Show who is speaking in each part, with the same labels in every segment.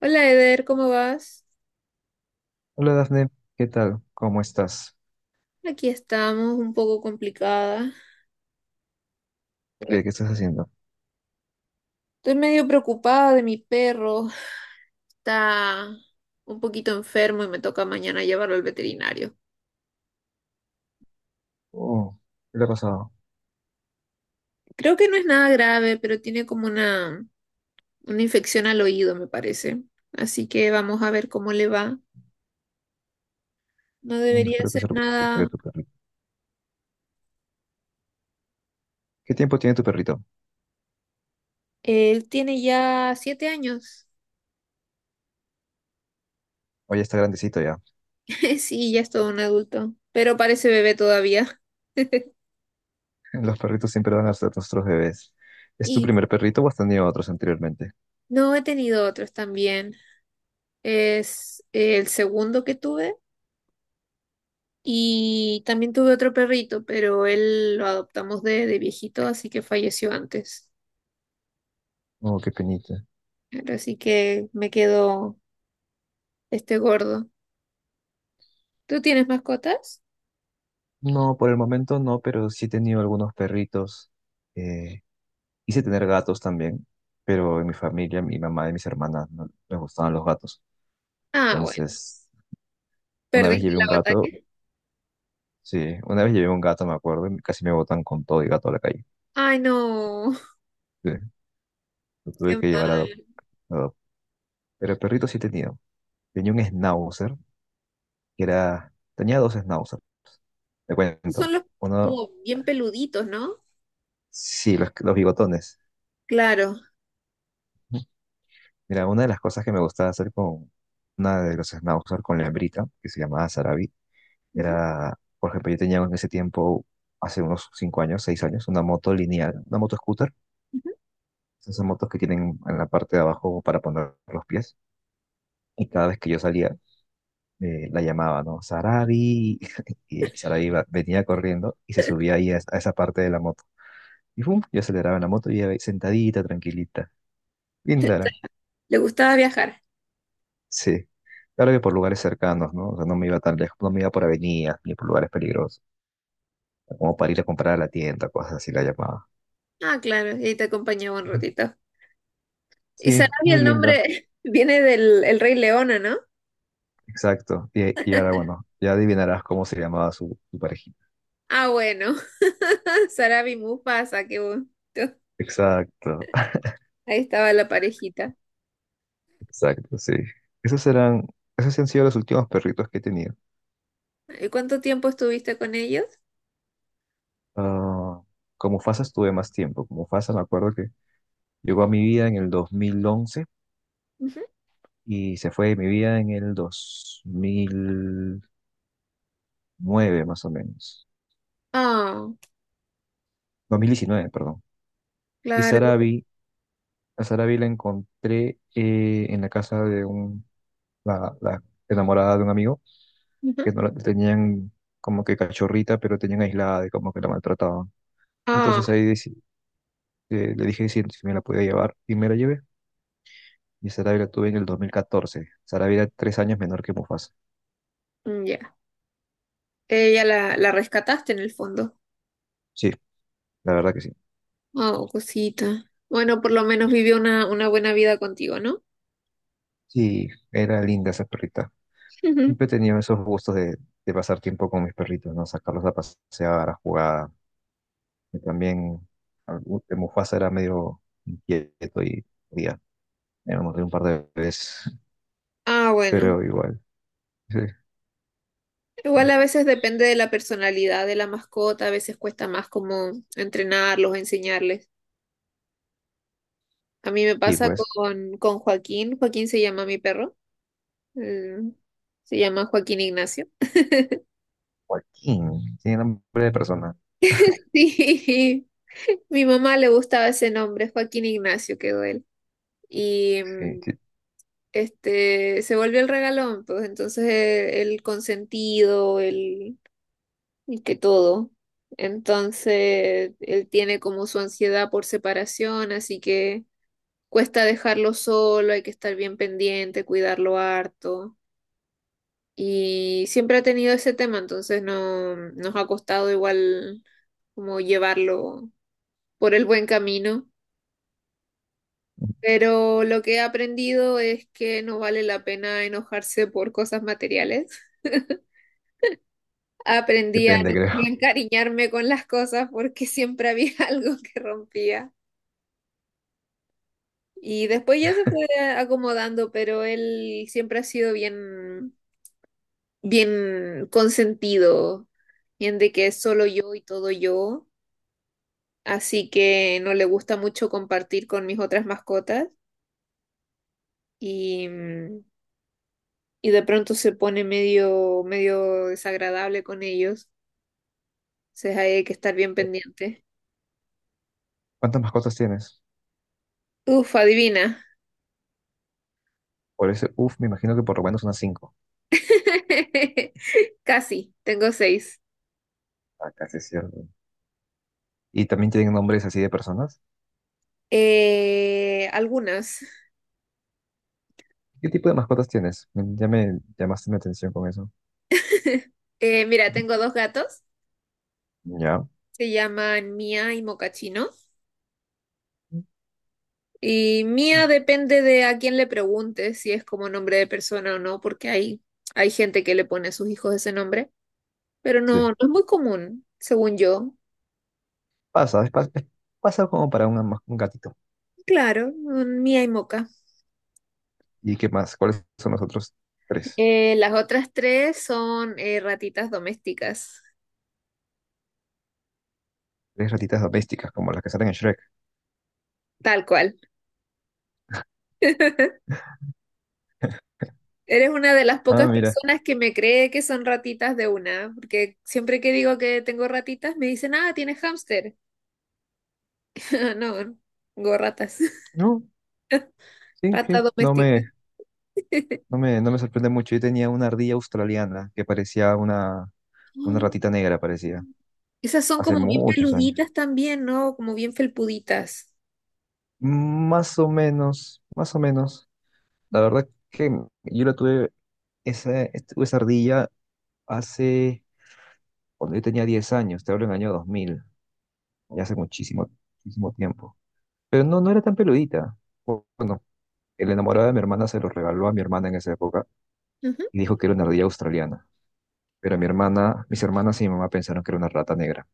Speaker 1: Hola Eder, ¿cómo vas?
Speaker 2: Hola Dafne, ¿qué tal? ¿Cómo estás?
Speaker 1: Aquí estamos, un poco complicada.
Speaker 2: ¿Qué estás haciendo?
Speaker 1: Estoy medio preocupada de mi perro. Está un poquito enfermo y me toca mañana llevarlo al veterinario.
Speaker 2: Oh, ¿qué le ha pasado?
Speaker 1: Creo que no es nada grave, pero tiene como una infección al oído, me parece. Así que vamos a ver cómo le va. No
Speaker 2: Mm,
Speaker 1: debería
Speaker 2: espero que
Speaker 1: ser
Speaker 2: se recupere
Speaker 1: nada.
Speaker 2: tu perrito. ¿Qué tiempo tiene tu perrito?
Speaker 1: Él tiene ya 7 años.
Speaker 2: Oye, está grandecito ya.
Speaker 1: Sí, ya es todo un adulto, pero parece bebé todavía.
Speaker 2: Los perritos siempre van a ser nuestros bebés. ¿Es tu
Speaker 1: Y
Speaker 2: primer perrito o has tenido otros anteriormente?
Speaker 1: no he tenido otros también. Es el segundo que tuve. Y también tuve otro perrito, pero él lo adoptamos de viejito, así que falleció antes.
Speaker 2: Oh, qué penita.
Speaker 1: Así que me quedó este gordo. ¿Tú tienes mascotas?
Speaker 2: No, por el momento no, pero sí he tenido algunos perritos. Eh, quise tener gatos también, pero en mi familia, mi mamá y mis hermanas no les gustaban los gatos.
Speaker 1: Ah, bueno.
Speaker 2: Entonces, una vez
Speaker 1: ¿Perdiste
Speaker 2: llevé
Speaker 1: la
Speaker 2: un gato
Speaker 1: batalla?
Speaker 2: sí, una vez llevé un gato, me acuerdo, y casi me botan con todo y gato a la calle.
Speaker 1: Ay, no.
Speaker 2: Sí, lo
Speaker 1: Qué
Speaker 2: tuve que llevar
Speaker 1: mal.
Speaker 2: a adop- pero perrito sí tenía. Tenía un schnauzer, tenía dos schnauzers, te cuento.
Speaker 1: Son los
Speaker 2: Uno,
Speaker 1: como bien peluditos, ¿no?
Speaker 2: sí, los bigotones.
Speaker 1: Claro.
Speaker 2: Mira, una de las cosas que me gustaba hacer con una de los schnauzers, con la hembrita, que se llamaba Sarabi,
Speaker 1: Ujú,
Speaker 2: era, por ejemplo, yo tenía en ese tiempo, hace unos 5 años, 6 años, una moto lineal, una moto scooter.
Speaker 1: ujú.
Speaker 2: Esas motos que tienen en la parte de abajo para poner los pies. Y cada vez que yo salía, la llamaba, ¿no? Sarabi. Y venía corriendo y se subía ahí a esa parte de la moto. Y pum, yo aceleraba la moto y iba ahí sentadita, tranquilita. Linda, era,
Speaker 1: ¿Le gustaba viajar?
Speaker 2: sí. Claro que por lugares cercanos, ¿no? O sea, no me iba tan lejos, no me iba por avenidas ni por lugares peligrosos. Como para ir a comprar a la tienda, cosas así la llamaba.
Speaker 1: Ah, claro. Y te acompañaba un ratito. Y
Speaker 2: Sí,
Speaker 1: Sarabia
Speaker 2: muy
Speaker 1: el
Speaker 2: linda,
Speaker 1: nombre viene del el Rey León, ¿o no?
Speaker 2: exacto. Y ahora, bueno, ya adivinarás cómo se llamaba su parejita.
Speaker 1: Ah, bueno. Sarabi Mufasa, qué bonito.
Speaker 2: Exacto,
Speaker 1: Ahí estaba la parejita.
Speaker 2: exacto, sí. Esos eran, esos sí han sido los últimos perritos que he tenido.
Speaker 1: ¿Y cuánto tiempo estuviste con ellos?
Speaker 2: Ah, como FASA estuve más tiempo. Como FASA me acuerdo que llegó a mi vida en el 2011
Speaker 1: Ujú.
Speaker 2: y se fue de mi vida en el 2009 más o menos.
Speaker 1: Ah,
Speaker 2: 2019, perdón. Y
Speaker 1: claro.
Speaker 2: Sarabi, a Sarabi la encontré en la casa de la enamorada de un amigo
Speaker 1: Ujú.
Speaker 2: que no la tenían como que cachorrita, pero tenían aislada y como que la maltrataban.
Speaker 1: Ah,
Speaker 2: Entonces ahí deci- le dije si me la podía llevar y me la llevé. Y Sarabia la tuve en el 2014. Sarabia era 3 años menor que Mufasa.
Speaker 1: mm, ya. Ella la rescataste en el fondo.
Speaker 2: Sí, la verdad que sí.
Speaker 1: Oh, cosita. Bueno, por lo menos vivió una buena vida contigo, ¿no?
Speaker 2: Sí, era linda esa perrita.
Speaker 1: Ujú.
Speaker 2: Siempre he tenido esos gustos de pasar tiempo con mis perritos, ¿no? Sacarlos a pasear, a jugar. Y también Mufasa era medio inquieto y ya, me lo mordió un par de veces,
Speaker 1: Ah, bueno.
Speaker 2: pero igual. Sí,
Speaker 1: Igual a veces depende de la personalidad de la mascota, a veces cuesta más como entrenarlos, enseñarles. A mí me
Speaker 2: sí,
Speaker 1: pasa
Speaker 2: pues,
Speaker 1: con Joaquín. Joaquín se llama mi perro. Mm, Se llama Joaquín Ignacio.
Speaker 2: Joaquín, tiene nombre de persona.
Speaker 1: Sí, mi mamá le gustaba ese nombre, Joaquín Ignacio quedó él. Y
Speaker 2: Sí, sí,
Speaker 1: este se volvió el regalón, pues entonces el consentido, el que todo. Entonces él tiene como su ansiedad por separación, así que cuesta dejarlo solo, hay que estar bien pendiente, cuidarlo harto. Y siempre ha tenido ese tema, entonces no nos ha costado igual como llevarlo por el buen camino. Pero lo que he aprendido es que no vale la pena enojarse por cosas materiales. Aprendí a
Speaker 2: depende,
Speaker 1: no
Speaker 2: creo.
Speaker 1: encariñarme con las cosas porque siempre había algo que rompía. Y después ya se fue acomodando, pero él siempre ha sido bien, bien consentido, bien de que es solo yo y todo yo. Así que no le gusta mucho compartir con mis otras mascotas. Y y de pronto se pone medio desagradable con ellos. Entonces ahí hay que estar bien pendiente.
Speaker 2: ¿Cuántas mascotas tienes?
Speaker 1: Uf, adivina.
Speaker 2: Por ese, uff, me imagino que por lo menos unas cinco.
Speaker 1: Casi, tengo seis.
Speaker 2: Ah, casi es cierto. Y también tienen nombres así de personas.
Speaker 1: Algunas.
Speaker 2: ¿Qué tipo de mascotas tienes? Ya me llamaste mi atención con eso.
Speaker 1: Mira, tengo dos gatos.
Speaker 2: Ya.
Speaker 1: Se llaman Mía y Mocachino. Y Mía depende de a quién le preguntes si es como nombre de persona o no, porque hay gente que le pone a sus hijos ese nombre. Pero
Speaker 2: Sí.
Speaker 1: no, no es muy común, según yo.
Speaker 2: Pasa, es pas- es- pasa como para un gatito.
Speaker 1: Claro, mm, Mía y Moca.
Speaker 2: ¿Y qué más? ¿Cuáles son los otros tres?
Speaker 1: Las otras tres son ratitas domésticas,
Speaker 2: Tres ratitas domésticas, como las que salen en Shrek.
Speaker 1: tal cual. Eres una de las
Speaker 2: Ah,
Speaker 1: pocas
Speaker 2: mira.
Speaker 1: personas que me cree que son ratitas de una, porque siempre que digo que tengo ratitas me dicen, ah, tienes hámster. No, tengo ratas,
Speaker 2: No, sí, sí.
Speaker 1: rata doméstica.
Speaker 2: No me sorprende mucho. Yo tenía una ardilla australiana que parecía una
Speaker 1: Oh.
Speaker 2: ratita negra, parecía.
Speaker 1: Esas son
Speaker 2: Hace
Speaker 1: como bien
Speaker 2: muchos años.
Speaker 1: peluditas también, ¿no? Como bien felpuditas.
Speaker 2: Más o menos, más o menos. La verdad que yo la esa, tuve esa ardilla hace, cuando yo tenía 10 años, te hablo en el año 2000 ya hace muchísimo, muchísimo tiempo. Pero no, no era tan peludita. Bueno, el enamorado de mi hermana se lo regaló a mi hermana en esa época
Speaker 1: Ujú.
Speaker 2: y dijo que era una ardilla australiana. Pero mis hermanas y mi mamá pensaron que era una rata negra.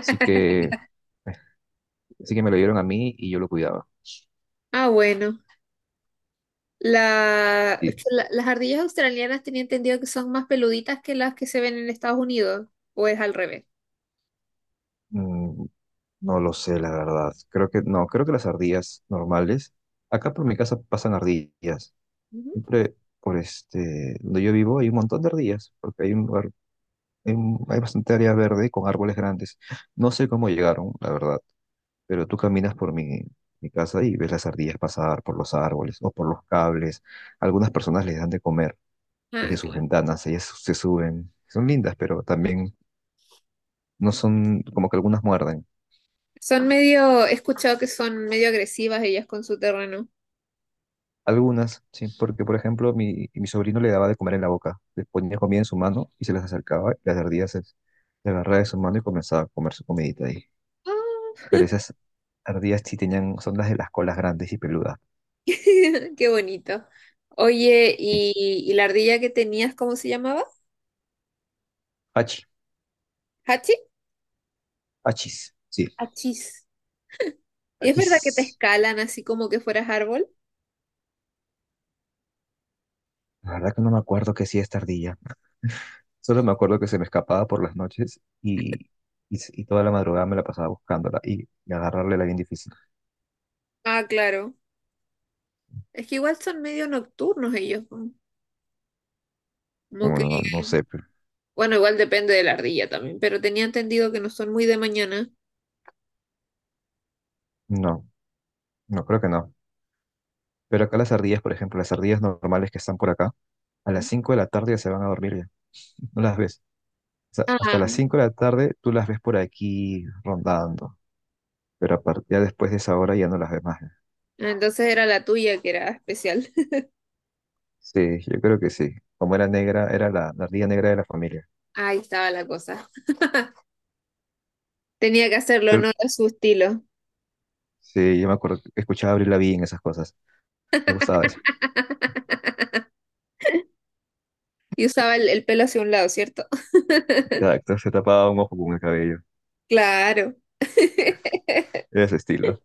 Speaker 2: Así que, eh, así que me lo dieron a mí y yo lo cuidaba.
Speaker 1: Ah, bueno. La-
Speaker 2: Sí.
Speaker 1: las ardillas australianas tenía entendido que son más peluditas que las que se ven en Estados Unidos, o es al revés.
Speaker 2: Mm, no lo sé, la verdad. Creo que no, creo que las ardillas normales, acá por mi casa pasan ardillas.
Speaker 1: Ujú.
Speaker 2: Siempre donde yo vivo hay un montón de ardillas, porque hay un lugar, hay bastante área verde con árboles grandes. No sé cómo llegaron, la verdad, pero tú caminas por mi casa y ves las ardillas pasar por los árboles o por los cables. Algunas personas les dan de comer
Speaker 1: Ah,
Speaker 2: desde sus
Speaker 1: claro.
Speaker 2: ventanas, ellas se suben. Son lindas, pero también no son como que algunas muerden.
Speaker 1: Son medio, he escuchado que son medio agresivas ellas con su terreno.
Speaker 2: Algunas, sí, porque por ejemplo mi sobrino le daba de comer en la boca, le ponía comida en su mano y se las acercaba y le agarraba de su mano y comenzaba a comer su comidita ahí.
Speaker 1: Ah,
Speaker 2: Pero esas ardillas sí tenían, son las de las colas grandes y peludas.
Speaker 1: qué bonito. Oye,
Speaker 2: Sí.
Speaker 1: ¿y la ardilla que tenías, cómo se llamaba?
Speaker 2: Hachi,
Speaker 1: ¿Hachi?
Speaker 2: hachis, sí,
Speaker 1: Hachis. ¿Es verdad
Speaker 2: hachis.
Speaker 1: que te escalan así como que fueras árbol?
Speaker 2: La verdad que no me acuerdo qué hacía esta ardilla. Solo me acuerdo que se me escapaba por las noches y toda la madrugada me la pasaba buscándola y agarrarle era bien difícil.
Speaker 1: Ah, claro. Es que igual son medio nocturnos ellos, ¿no? como que
Speaker 2: Bueno, no, no sé, pero-
Speaker 1: Bueno, igual depende de la ardilla también, pero tenía entendido que no son muy de mañana.
Speaker 2: no, no creo que no. Pero acá las ardillas, por ejemplo, las ardillas normales que están por acá, a las 5 de la tarde ya se van a dormir ya. No las ves. O sea, hasta las
Speaker 1: Ah,
Speaker 2: 5 de la tarde tú las ves por aquí rondando. Pero ya después de esa hora ya no las ves más.
Speaker 1: entonces era la tuya que era especial.
Speaker 2: Sí, yo creo que sí. Como era negra, era la ardilla negra de la familia.
Speaker 1: Ahí estaba la cosa. Tenía que hacerlo
Speaker 2: Pero-
Speaker 1: honor a su estilo.
Speaker 2: sí, yo me acuerdo, que escuchaba a Avril Lavigne, esas cosas. Me gustaba eso.
Speaker 1: Y usaba el pelo hacia un lado, ¿cierto?
Speaker 2: Exacto, se tapaba un ojo con el cabello.
Speaker 1: Claro,
Speaker 2: Era Ese estilo.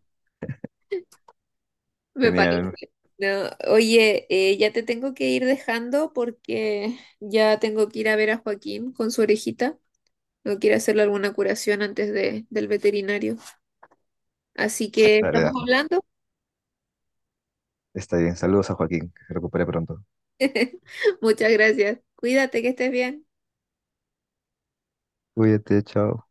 Speaker 1: me parece.
Speaker 2: Genial.
Speaker 1: No, oye, ya te tengo que ir dejando porque ya tengo que ir a ver a Joaquín con su orejita. No quiere hacerle alguna curación antes del veterinario. Así que
Speaker 2: Dale,
Speaker 1: estamos
Speaker 2: Dafne.
Speaker 1: hablando.
Speaker 2: Está bien. Saludos a Joaquín, que se recupere pronto.
Speaker 1: Muchas gracias. Cuídate, que estés bien.
Speaker 2: Cuídate, chao.